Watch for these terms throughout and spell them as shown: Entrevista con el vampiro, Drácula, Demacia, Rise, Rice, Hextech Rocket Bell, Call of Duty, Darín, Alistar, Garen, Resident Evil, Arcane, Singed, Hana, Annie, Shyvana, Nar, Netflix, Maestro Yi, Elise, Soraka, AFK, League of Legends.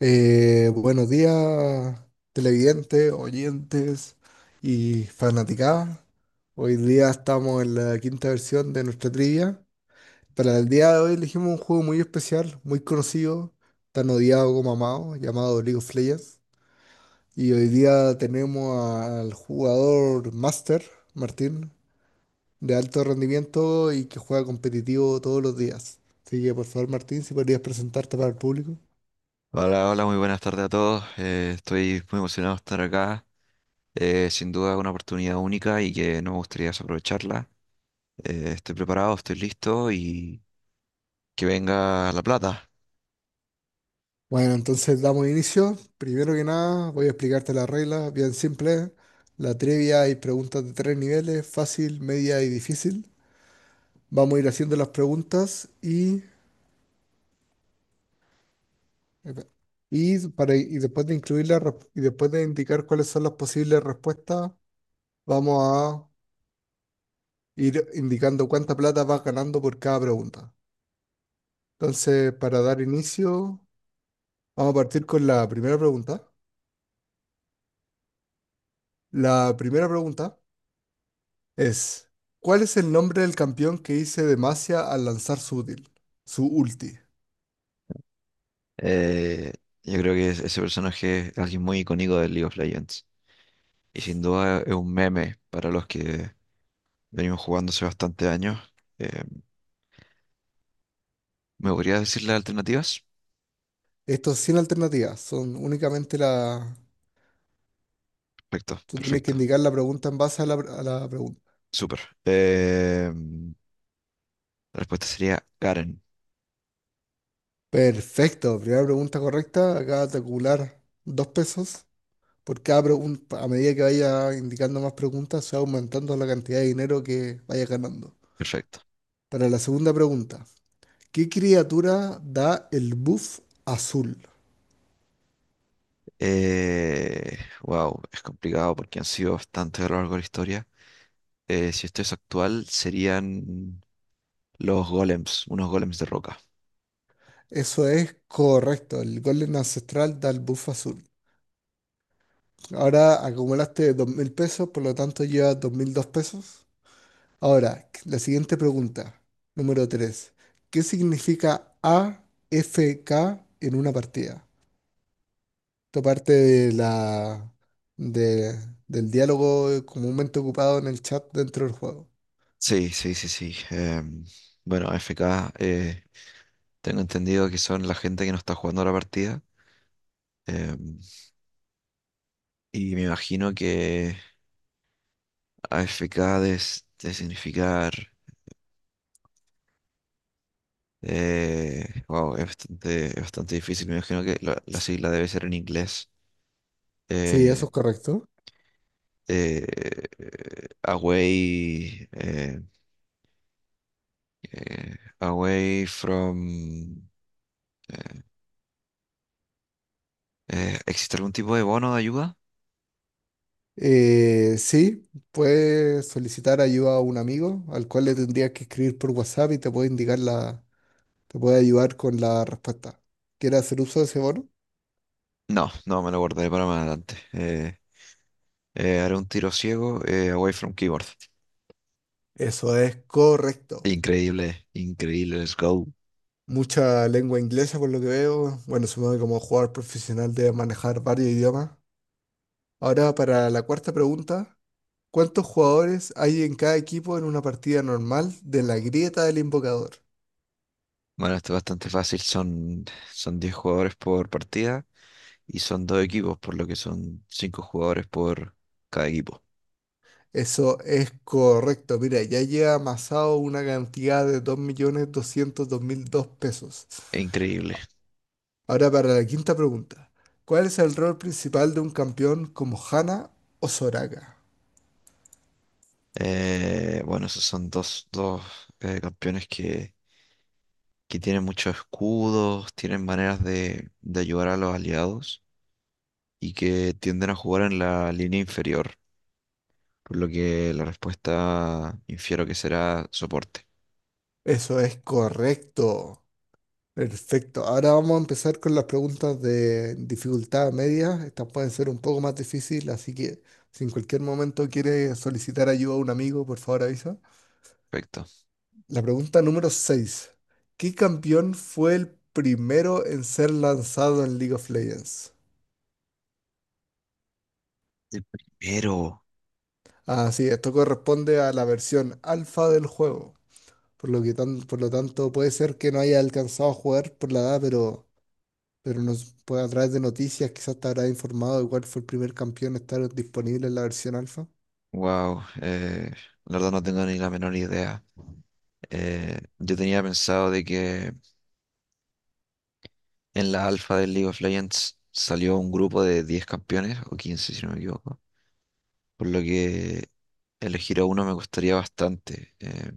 Buenos días, televidentes, oyentes y fanaticadas. Hoy día estamos en la quinta versión de nuestra trivia. Para el día de hoy elegimos un juego muy especial, muy conocido, tan odiado como amado, llamado League of Legends. Y hoy día tenemos al jugador Master, Martín, de alto rendimiento y que juega competitivo todos los días. Así que por favor, Martín, si podrías presentarte para el público. Hola, hola, muy buenas tardes a todos. Estoy muy emocionado de estar acá. Sin duda una oportunidad única y que no me gustaría desaprovecharla. Estoy preparado, estoy listo y que venga la plata. Bueno, entonces damos inicio. Primero que nada, voy a explicarte las reglas, bien simple. La trivia y preguntas de tres niveles, fácil, media y difícil. Vamos a ir haciendo las preguntas y después de incluirlas y después de indicar cuáles son las posibles respuestas, vamos a ir indicando cuánta plata vas ganando por cada pregunta. Entonces, para dar inicio, vamos a partir con la primera pregunta. La primera pregunta. Es, ¿cuál es el nombre del campeón que hice Demacia al lanzar su útil, su ulti? Eh, yo creo que ese personaje es alguien muy icónico del League of Legends y sin duda es un meme para los que venimos jugando hace bastante años. Eh, ¿Me podrías decir las alternativas? Esto es sin alternativas, son únicamente la... Perfecto, Tú tienes que perfecto, indicar la pregunta en base a la pregunta. súper. Eh, la respuesta sería Garen. Perfecto, primera pregunta correcta, acabas de acumular 2 pesos. Por cada pregunta, a medida que vaya indicando más preguntas, se va aumentando la cantidad de dinero que vaya ganando. Perfecto. Para la segunda pregunta, ¿qué criatura da el buff azul? Wow, es complicado porque han sido bastante a lo largo de la historia. Si esto es actual, serían los golems, unos golems de roca. Eso es correcto, el golem ancestral da el buff azul. Ahora acumulaste 2.000 pesos, por lo tanto llevas 2.002 pesos. Ahora, la siguiente pregunta, número 3: ¿qué significa a f k en una partida? Esto parte de de- del diálogo comúnmente ocupado en el chat dentro del juego. Sí, sí, sí, sí. Bueno, AFK, tengo entendido que son la gente que no está jugando la partida. em, y me imagino que AFK debe, debe significar... Wow, es bastante difícil. Me imagino que la sigla debe ser en inglés. Sí, Eh, eso es correcto. Away, away from... eh, ¿existe algún tipo de bono de ayuda? Sí, puedes solicitar ayuda a un amigo al cual le tendrías que escribir por WhatsApp y te puede ayudar con la respuesta. ¿Quieres hacer uso de ese bono? No, no, me lo guardaré para más adelante. Haré un tiro ciego, away from keyboard. Eso es correcto. Increíble, increíble, let's go. Mucha lengua inglesa por lo que veo. Bueno, supongo que como jugador profesional debe manejar varios idiomas. Ahora para la cuarta pregunta. ¿Cuántos jugadores hay en cada equipo en una partida normal de la grieta del invocador? Bueno, esto es bastante fácil, son 10 jugadores por partida y son dos equipos, por lo que son 5 jugadores por cada equipo. Eso es correcto. Mira, ya lleva amasado una cantidad de dos millones doscientos dos mil dos pesos. Increíble. Ahora para la quinta pregunta. ¿Cuál es el rol principal de un campeón como Hana o Soraka? Bueno, esos son dos campeones que tienen muchos escudos, tienen maneras de ayudar a los aliados y que tienden a jugar en la línea inferior, por lo que la respuesta infiero que será soporte. Eso es correcto. Perfecto. Ahora vamos a empezar con las preguntas de dificultad media. Estas pueden ser un poco más difíciles, así que si en cualquier momento quieres solicitar ayuda a un amigo, por favor avisa. Perfecto. La pregunta número 6. ¿Qué campeón fue el primero en ser lanzado en League of Legends? El primero. Ah, sí, esto corresponde a la versión alfa del juego. Por lo que por lo tanto, puede ser que no haya alcanzado a jugar por la edad, pero nos puede, a través de noticias quizás te habrá informado de cuál fue el primer campeón a estar disponible en la versión alfa. Wow, la verdad no tengo ni la menor idea. Yo tenía pensado de que en la alfa del League of Legends salió un grupo de 10 campeones, o 15 si no me equivoco, por lo que elegir a uno me costaría bastante.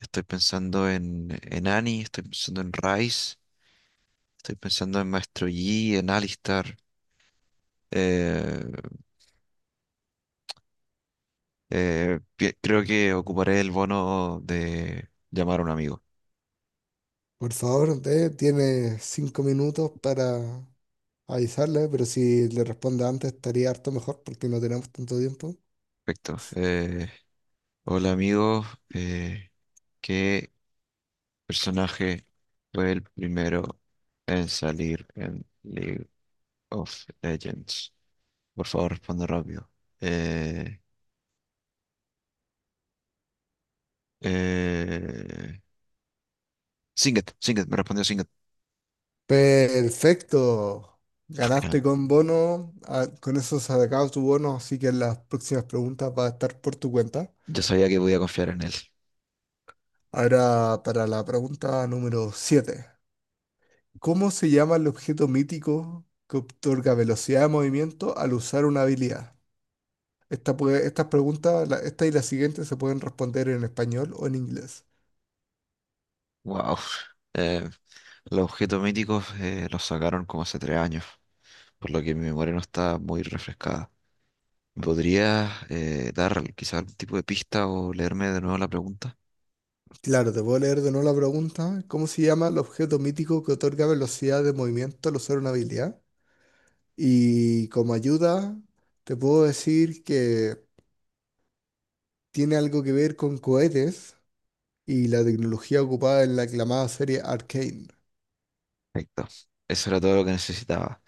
Estoy pensando en Annie, estoy pensando en Rice, estoy pensando en Maestro Yi, en Alistar. Eh, creo que ocuparé el bono de llamar a un amigo. Por favor, tiene 5 minutos para avisarle, pero si le responde antes estaría harto mejor porque no tenemos tanto tiempo. Perfecto. Hola amigo, eh, ¿qué personaje fue el primero en salir en League of Legends? Por favor, responde rápido. Eh, eh, Singed, Singed, me respondió Singed. Perfecto. Ganaste con bono, ah, con eso se ha acabado tu bono, así que las próximas preguntas va a estar por tu cuenta. ya sabía que podía confiar en él. Ahora para la pregunta número siete, ¿cómo se llama el objeto mítico que otorga velocidad de movimiento al usar una habilidad? Esta puede- estas preguntas, la- esta y la siguiente se pueden responder en español o en inglés. Wow. Eh, los objetos míticos los sacaron como hace tres años, por lo que mi memoria no está muy refrescada. ¿Me podrías dar quizá algún tipo de pista o leerme de nuevo la pregunta? Claro, te puedo leer de nuevo la pregunta. ¿Cómo se llama el objeto mítico que otorga velocidad de movimiento al usar una habilidad? Y como ayuda, te puedo decir que tiene algo que ver con cohetes y la tecnología ocupada en la aclamada serie Arcane. Perfecto. Eso era todo lo que necesitaba.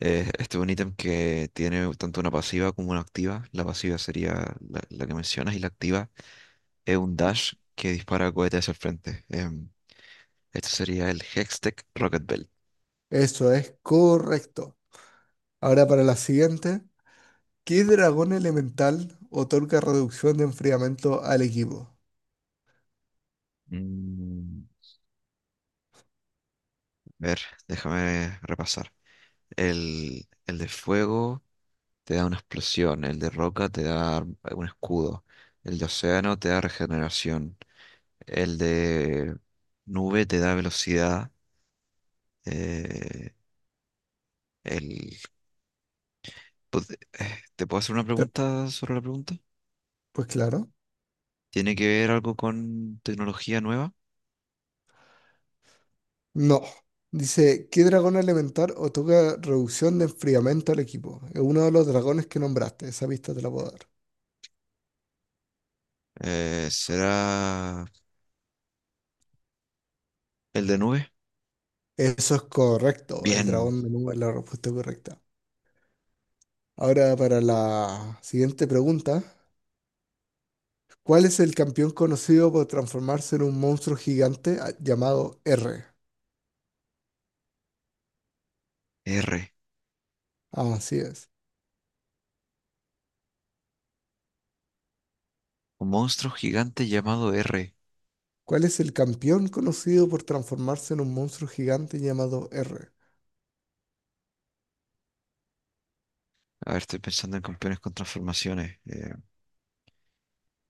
Este es un ítem que tiene tanto una pasiva como una activa. La pasiva sería la que mencionas y la activa es un dash que dispara cohetes hacia el frente. Este sería el Hextech Rocket Bell. Eso es correcto. Ahora para la siguiente. ¿Qué dragón elemental otorga reducción de enfriamiento al equipo? Mm, a ver, déjame repasar. El de fuego te da una explosión, el de roca te da un escudo, el de océano te da regeneración, el de nube te da velocidad. eh, el, pues, ¿te puedo hacer una Te- pregunta sobre la pregunta? Pues claro, ¿Tiene que ver algo con tecnología nueva? no. Dice, ¿qué dragón elemental otorga reducción de enfriamiento al equipo? Es uno de los dragones que nombraste, esa pista te la puedo dar. ¿Será el de nube? Eso es correcto, el Bien, dragón de nube es la respuesta correcta. Ahora para la siguiente pregunta, ¿cuál es el campeón conocido por transformarse en un monstruo gigante llamado R? R. Así es. Un monstruo gigante llamado R. ¿Cuál es el campeón conocido por transformarse en un monstruo gigante llamado R? A ver, estoy pensando en campeones con transformaciones.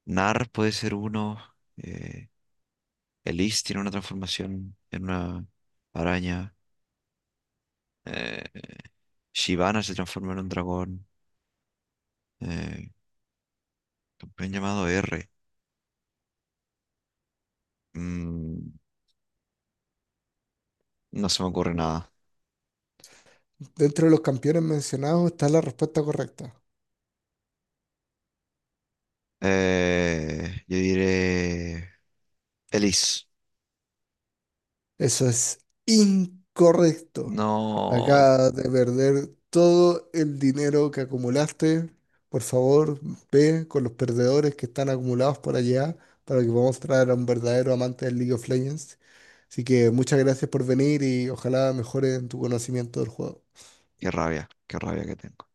Nar puede ser uno. Eh, Elise tiene una transformación en una araña. eh, Shyvana se transforma en un dragón. Eh, campeón llamado R. Mm, no se me ocurre nada. Dentro de los campeones mencionados está la respuesta correcta. Yo diré Elise. Eso es incorrecto. No, Acaba de perder todo el dinero que acumulaste. Por favor, ve con los perdedores que están acumulados por allá para que podamos traer a un verdadero amante del League of Legends. Así que muchas gracias por venir y ojalá mejore en tu conocimiento del juego. Qué rabia que tengo.